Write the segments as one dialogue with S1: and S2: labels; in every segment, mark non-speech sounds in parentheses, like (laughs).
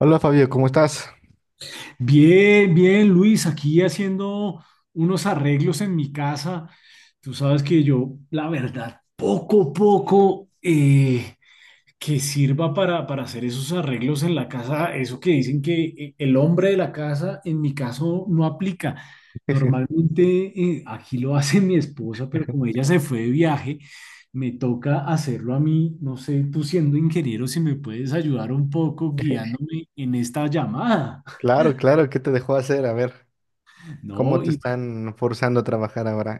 S1: Hola Fabio, ¿cómo estás?
S2: Bien, bien, Luis, aquí haciendo unos arreglos en mi casa. Tú sabes que yo, la verdad, poco que sirva para hacer esos arreglos en la casa, eso que dicen que el hombre de la casa, en mi caso, no aplica. Normalmente aquí lo hace mi esposa, pero como ella se fue de viaje, me toca hacerlo a mí. No sé, tú siendo ingeniero, si me puedes ayudar un poco
S1: (laughs)
S2: guiándome en esta llamada. (laughs)
S1: Claro, claro, ¿qué te dejó hacer? A ver, ¿cómo
S2: No,
S1: te
S2: y
S1: están forzando a trabajar ahora?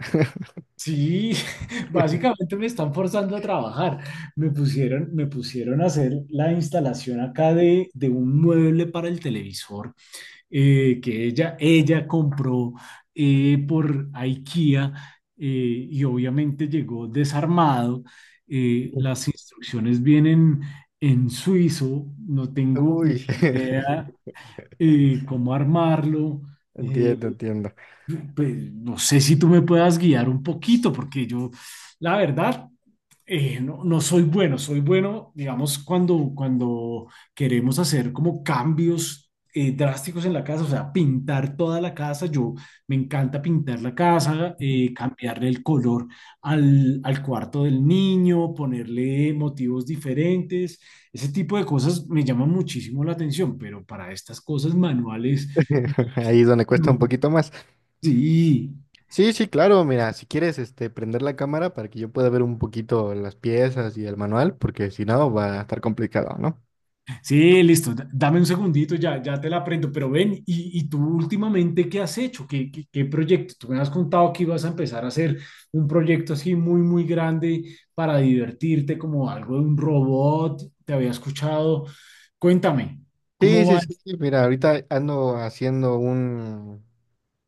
S2: sí, (laughs)
S1: (laughs)
S2: básicamente me están forzando a trabajar. Me pusieron a hacer la instalación acá de un mueble para el televisor que ella compró por IKEA y obviamente llegó desarmado. Las instrucciones vienen en suizo, no tengo
S1: Uy,
S2: ni
S1: (laughs)
S2: idea cómo armarlo. Eh,
S1: entiendo, entiendo.
S2: pues, no sé si tú me puedas guiar un poquito, porque yo, la verdad, no soy bueno, soy bueno, digamos, cuando queremos hacer como cambios drásticos en la casa, o sea, pintar toda la casa, yo me encanta pintar la casa, cambiarle el color al cuarto del niño, ponerle motivos diferentes, ese tipo de cosas me llaman muchísimo la atención, pero para estas cosas manuales,
S1: (laughs) Ahí es donde cuesta
S2: no.
S1: un poquito más.
S2: Sí.
S1: Sí, sí, claro, mira, si quieres, este, prender la cámara para que yo pueda ver un poquito las piezas y el manual, porque si no va a estar complicado, ¿no?
S2: Sí, listo. Dame un segundito, ya, ya te la aprendo. Pero ven, ¿y tú últimamente qué has hecho? ¿Qué, qué, qué proyecto? Tú me has contado que ibas a empezar a hacer un proyecto así muy, muy grande para divertirte, como algo de un robot. Te había escuchado. Cuéntame,
S1: Sí,
S2: ¿cómo
S1: sí,
S2: va?
S1: sí, sí, mira, ahorita ando haciendo un,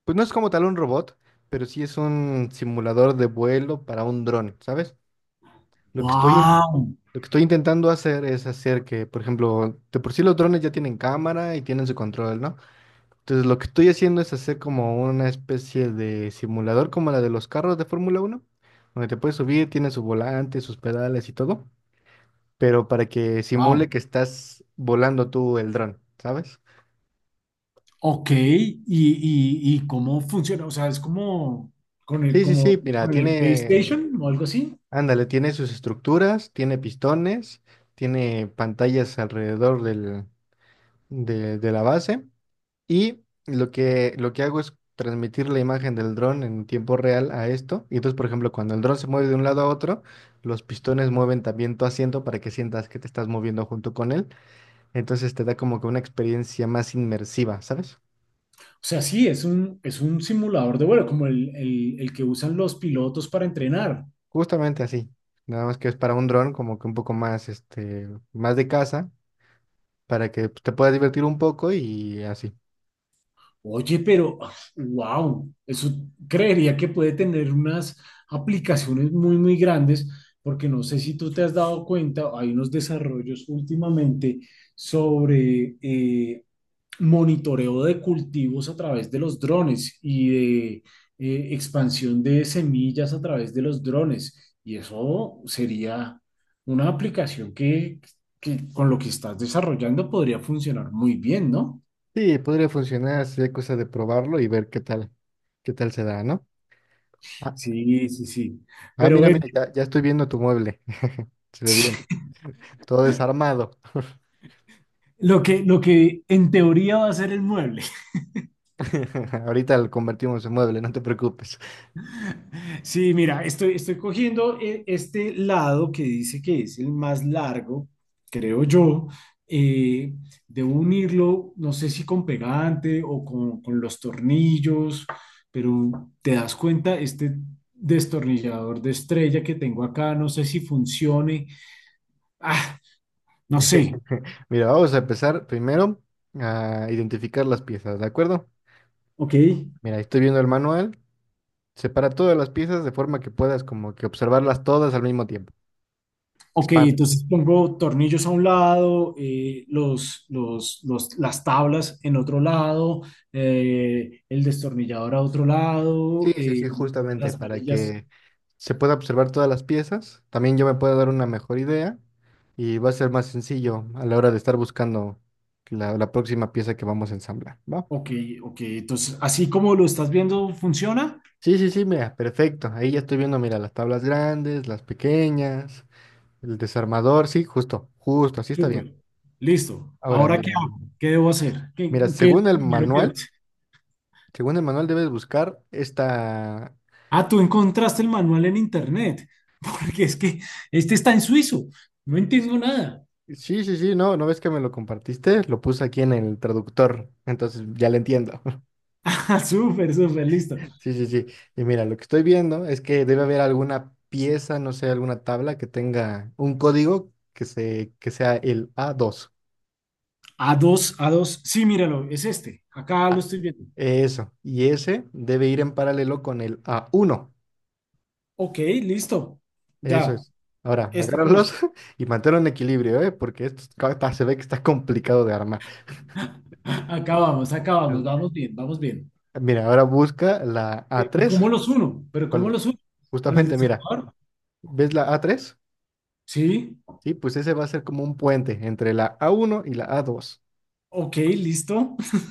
S1: pues no es como tal un robot, pero sí es un simulador de vuelo para un dron, ¿sabes? Lo que estoy, in-
S2: Wow,
S1: lo que estoy intentando hacer es hacer que, por ejemplo, de por sí los drones ya tienen cámara y tienen su control, ¿no? Entonces lo que estoy haciendo es hacer como una especie de simulador como la de los carros de Fórmula uno donde te puedes subir, tiene su volante, sus pedales y todo, pero para que simule
S2: wow.
S1: que estás volando tú el dron, ¿sabes?
S2: Ok, ¿y, y cómo funciona? O sea, es como
S1: Sí, sí,
S2: como
S1: sí, mira,
S2: con el
S1: tiene,
S2: PlayStation o algo así.
S1: ándale, tiene sus estructuras, tiene pistones, tiene pantallas alrededor del, de la base. Y lo que hago es transmitir la imagen del dron en tiempo real a esto. Y entonces, por ejemplo, cuando el dron se mueve de un lado a otro, los pistones mueven también tu asiento para que sientas que te estás moviendo junto con él. Entonces te da como que una experiencia más inmersiva, ¿sabes?
S2: O sea, sí, es un simulador de vuelo, como el que usan los pilotos para entrenar.
S1: Justamente así. Nada más que es para un dron como que un poco más, este, más de casa, para que pues, te puedas divertir un poco y así.
S2: Oye, pero, wow, eso creería que puede tener unas aplicaciones muy, muy grandes, porque no sé si tú te has dado cuenta, hay unos desarrollos últimamente sobre monitoreo de cultivos a través de los drones y de expansión de semillas a través de los drones. Y eso sería una aplicación que con lo que estás desarrollando podría funcionar muy bien, ¿no?
S1: Sí, podría funcionar, sería cosa de probarlo y ver qué tal se da, ¿no? Ah,
S2: Sí, sí, sí.
S1: ah,
S2: Pero
S1: mira,
S2: ven,
S1: mira, ya, ya estoy viendo tu mueble. Se ve bien,
S2: (laughs)
S1: todo desarmado.
S2: lo que en teoría va a ser el mueble.
S1: (laughs) Ahorita lo convertimos en mueble, no te preocupes.
S2: Sí, mira, estoy, estoy cogiendo este lado que dice que es el más largo, creo yo. eh, debo unirlo, no sé si con pegante o con los tornillos, pero te das cuenta, este destornillador de estrella que tengo acá, no sé si funcione. Ah, no sé.
S1: (laughs) Mira, vamos a empezar primero a identificar las piezas, ¿de acuerdo?
S2: Ok.
S1: Mira, estoy viendo el manual. Separa todas las piezas de forma que puedas como que observarlas todas al mismo tiempo.
S2: Ok, entonces
S1: Expandas.
S2: pongo tornillos a un lado, las tablas en otro lado, el destornillador a otro
S1: Sí,
S2: lado,
S1: sí, sí, justamente
S2: las
S1: para
S2: varillas.
S1: que se pueda observar todas las piezas. También yo me puedo dar una mejor idea y va a ser más sencillo a la hora de estar buscando la, la próxima pieza que vamos a ensamblar, ¿va?
S2: Ok, ok, entonces así como lo estás viendo, ¿funciona?
S1: Sí, mira, perfecto. Ahí ya estoy viendo, mira, las tablas grandes, las pequeñas, el desarmador, sí, justo, justo, así está bien.
S2: Súper, listo.
S1: Ahora,
S2: ¿Ahora qué
S1: mira,
S2: hago? ¿Qué debo hacer? ¿Qué,
S1: mira,
S2: qué es lo primero que debo hacer?
S1: según el manual debes buscar esta...
S2: Ah, tú encontraste el manual en internet, (laughs) porque es que este está en suizo, no entiendo nada. (laughs)
S1: Sí, no, ¿no ves que me lo compartiste? Lo puse aquí en el traductor, entonces ya lo entiendo. (laughs)
S2: Ah, súper, súper, listo.
S1: Sí, sí, sí. Y mira, lo que estoy viendo es que debe haber alguna pieza, no sé, alguna tabla que tenga un código que se, que sea el a dos.
S2: A2, A2. Sí, míralo, es este. Acá lo estoy viendo.
S1: Eso. Y ese debe ir en paralelo con el a uno.
S2: Ok, listo.
S1: Eso
S2: Ya,
S1: es. Ahora,
S2: este con
S1: agárralos
S2: este.
S1: (laughs) y manténlo un equilibrio, ¿eh? Porque esto está- se ve que está complicado de armar.
S2: (laughs) Acá vamos, acá vamos,
S1: El-
S2: vamos bien, vamos bien.
S1: Mira, ahora busca la a
S2: ¿Y
S1: tres
S2: cómo los uno? ¿Pero cómo
S1: con-
S2: los uno? ¿Con el
S1: justamente, mira,
S2: desarmador?
S1: ¿ves la a tres?
S2: Sí,
S1: Sí, pues ese va a ser como un puente entre la a uno y la a dos.
S2: ok, listo. (laughs)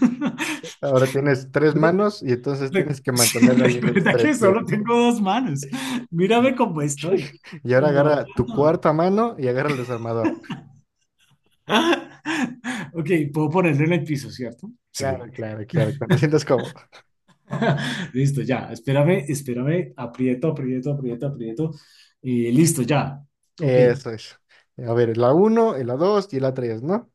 S1: Ahora tienes tres
S2: Recuerda
S1: manos y entonces tienes que
S2: (laughs) sí,
S1: mantener ahí las
S2: recuerda
S1: tres
S2: que solo
S1: piezas.
S2: tengo dos manos.
S1: Y,
S2: Mírame cómo estoy.
S1: y
S2: Se
S1: ahora
S2: me va
S1: agarra tu
S2: todo.
S1: cuarta mano y agarra el desarmador.
S2: (laughs) Ok, puedo ponerlo en el piso, ¿cierto?
S1: Claro,
S2: Sí.
S1: claro, claro. Cuando te sientas cómodo.
S2: (laughs) Listo, ya. Espérame, espérame. Aprieto, aprieto, aprieto, aprieto. Y listo, ya. Ok.
S1: Eso es. A ver, la uno, la 2 y la tres, ¿no?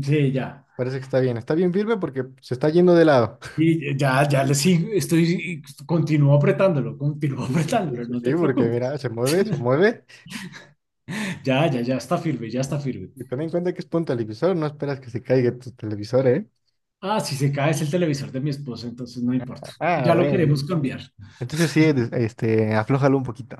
S2: Sí, ya.
S1: Parece que está bien. Está bien firme porque se está yendo de lado.
S2: Y ya, ya le sigo. Estoy, continúo apretándolo, continúo (laughs)
S1: Sí, sí, sí,
S2: apretándolo.
S1: sí,
S2: No
S1: sí,
S2: te
S1: porque mira,
S2: preocupes.
S1: se mueve, se mueve.
S2: Ya, ya, ya está firme, ya está firme.
S1: Y ten en cuenta que es por un televisor, no esperas que se caiga tu televisor, ¿eh?
S2: Ah, si se cae es el televisor de mi esposo, entonces no importa.
S1: Ah,
S2: Ya lo
S1: bueno.
S2: queremos cambiar.
S1: Entonces sí, este, aflójalo un poquito.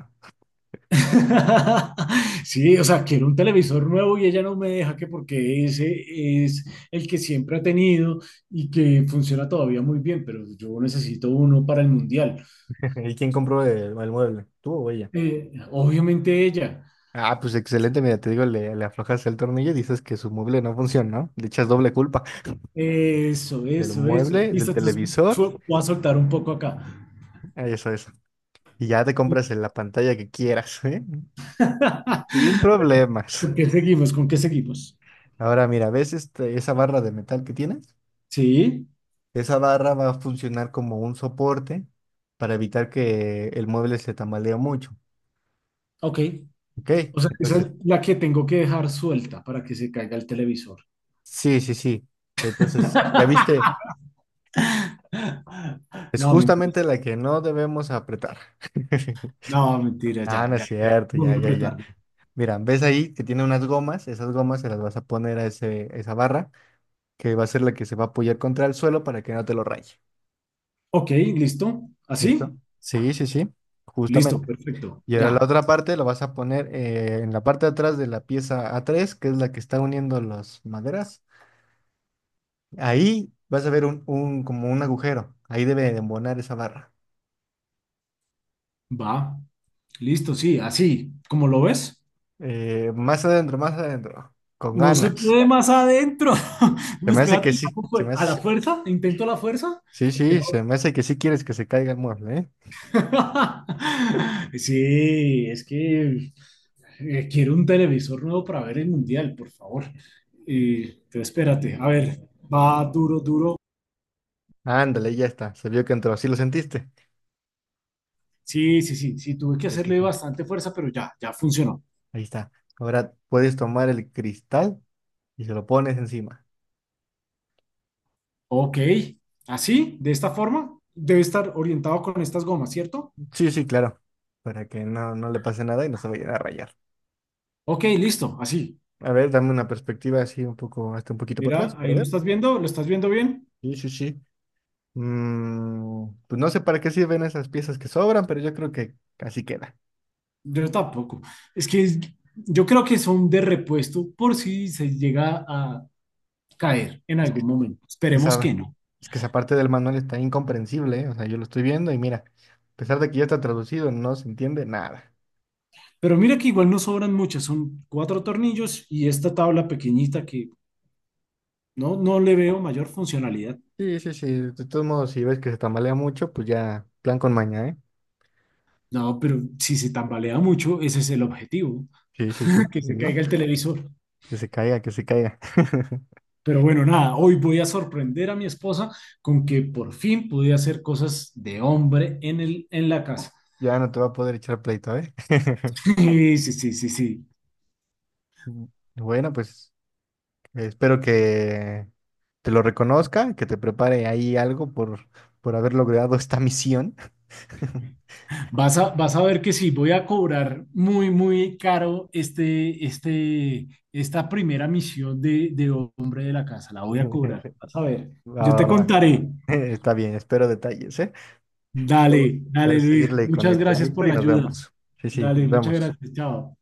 S2: (laughs) Sí, o sea, quiero un televisor nuevo y ella no me deja, que porque ese es el que siempre ha tenido y que funciona todavía muy bien, pero yo necesito uno para el mundial.
S1: (laughs) ¿Y quién compró el mueble? ¿Tú o ella?
S2: Obviamente ella.
S1: Ah, pues excelente, mira, te digo, le aflojas el tornillo y dices que su mueble no funciona, ¿no? Le echas doble culpa
S2: Eso,
S1: del
S2: eso, eso.
S1: mueble, del
S2: Listo, entonces
S1: televisor,
S2: voy a soltar un poco acá.
S1: eso es. Y ya te compras en la pantalla que quieras, ¿eh? Sin
S2: (laughs) Pero,
S1: problemas.
S2: ¿con qué seguimos? ¿Con qué seguimos?
S1: Ahora mira, ¿ves esa barra de metal que tienes?
S2: Sí,
S1: Esa barra va a funcionar como un soporte para evitar que el mueble se tambalee mucho.
S2: ok.
S1: ¿Ok?
S2: O sea, esa
S1: Entonces,
S2: es la que tengo que dejar suelta para que se caiga el televisor.
S1: sí. Entonces, ya viste,
S2: (laughs)
S1: es
S2: No, mentira.
S1: justamente la que no debemos apretar. (laughs)
S2: No, mentira,
S1: Ah,
S2: ya,
S1: no es
S2: ya, ya.
S1: cierto,
S2: Voy
S1: ya,
S2: a
S1: ya, ya.
S2: apretarle.
S1: Mira, ¿ves ahí que tiene unas gomas? Esas gomas se las vas a poner a ese, esa barra, que va a ser la que se va a apoyar contra el suelo para que no te lo raye.
S2: Ok, listo.
S1: ¿Cierto?
S2: ¿Así?
S1: Sí,
S2: Listo,
S1: justamente.
S2: perfecto.
S1: Y ahora la
S2: Ya,
S1: otra parte la vas a poner en la parte de atrás de la pieza a tres, que es la que está uniendo las maderas. Ahí vas a ver un, como un agujero. Ahí debe de embonar esa barra.
S2: va. Listo, sí, así. ¿Cómo lo ves?
S1: Más adentro, más adentro. Con
S2: No se
S1: ganas.
S2: puede más adentro. (laughs)
S1: Se
S2: Pues
S1: me hace que
S2: espérate,
S1: sí.
S2: ¿cómo
S1: Se
S2: fue?
S1: me
S2: ¿A la
S1: hace...
S2: fuerza? ¿Intento a la fuerza?
S1: Sí,
S2: ¿Por qué
S1: sí,
S2: no?
S1: se me hace que sí quieres que se caiga el mueble, ¿eh?
S2: (laughs) Sí, es que quiero un televisor nuevo para ver el mundial, por favor. Y, pero espérate, a ver, va duro, duro.
S1: Ándale, ya está. Se vio que entró. ¿Sí lo sentiste?
S2: Sí, sí, sí, sí, tuve que
S1: Sí, sí,
S2: hacerle
S1: sí.
S2: bastante fuerza, pero ya, ya funcionó.
S1: Ahí está. Ahora puedes tomar el cristal y se lo pones encima.
S2: Ok, así, de esta forma, debe estar orientado con estas gomas, ¿cierto?
S1: Sí, sí, claro. Para que no, no le pase nada y no se vayan a rayar.
S2: Ok, listo, así.
S1: A ver, dame una perspectiva así un poco, hasta un poquito para atrás,
S2: Mira,
S1: para
S2: ahí
S1: ver.
S2: ¿lo estás viendo bien?
S1: Sí, sí, sí. Mm, pues no sé para qué sirven esas piezas que sobran, pero yo creo que así queda.
S2: Yo tampoco. Es que yo creo que son de repuesto por si se llega a caer en
S1: Es
S2: algún momento.
S1: que
S2: Esperemos
S1: esa,
S2: que no.
S1: es que esa parte del manual está incomprensible, ¿eh? O sea, yo lo estoy viendo y mira, a pesar de que ya está traducido, no se entiende nada.
S2: Pero mira que igual no sobran muchas, son cuatro tornillos y esta tabla pequeñita que no, no le veo mayor funcionalidad.
S1: Sí, sí, sí. De todos modos, si ves que se tambalea mucho, pues ya, plan con maña, ¿eh?
S2: No, pero si se tambalea mucho, ese es el objetivo,
S1: Sí, sí,
S2: (laughs)
S1: sí.
S2: que se
S1: Digo,
S2: caiga el televisor.
S1: que se caiga, que se caiga. (laughs)
S2: Pero bueno, nada, hoy voy a sorprender a mi esposa con que por fin pude hacer cosas de hombre en la casa. (laughs)
S1: Ya no te va a poder echar pleito, ¿eh? (laughs)
S2: Sí, sí, sí, sí, sí.
S1: Bueno, pues. Espero que te lo reconozca, que te prepare ahí algo por haber logrado esta misión. (laughs)
S2: Vas a ver que sí, voy a cobrar muy, muy caro esta primera misión de hombre de la casa. La voy a cobrar. Vas a ver.
S1: Va,
S2: Yo te
S1: va, va.
S2: contaré.
S1: (laughs) Está bien, espero detalles, ¿eh? Yo
S2: Dale,
S1: yo voy a
S2: dale, Luis.
S1: seguirle con mi
S2: Muchas gracias por
S1: proyecto y
S2: la
S1: nos
S2: ayuda.
S1: vemos. Sí, sí,
S2: Dale,
S1: nos
S2: muchas
S1: vemos.
S2: gracias. Chao.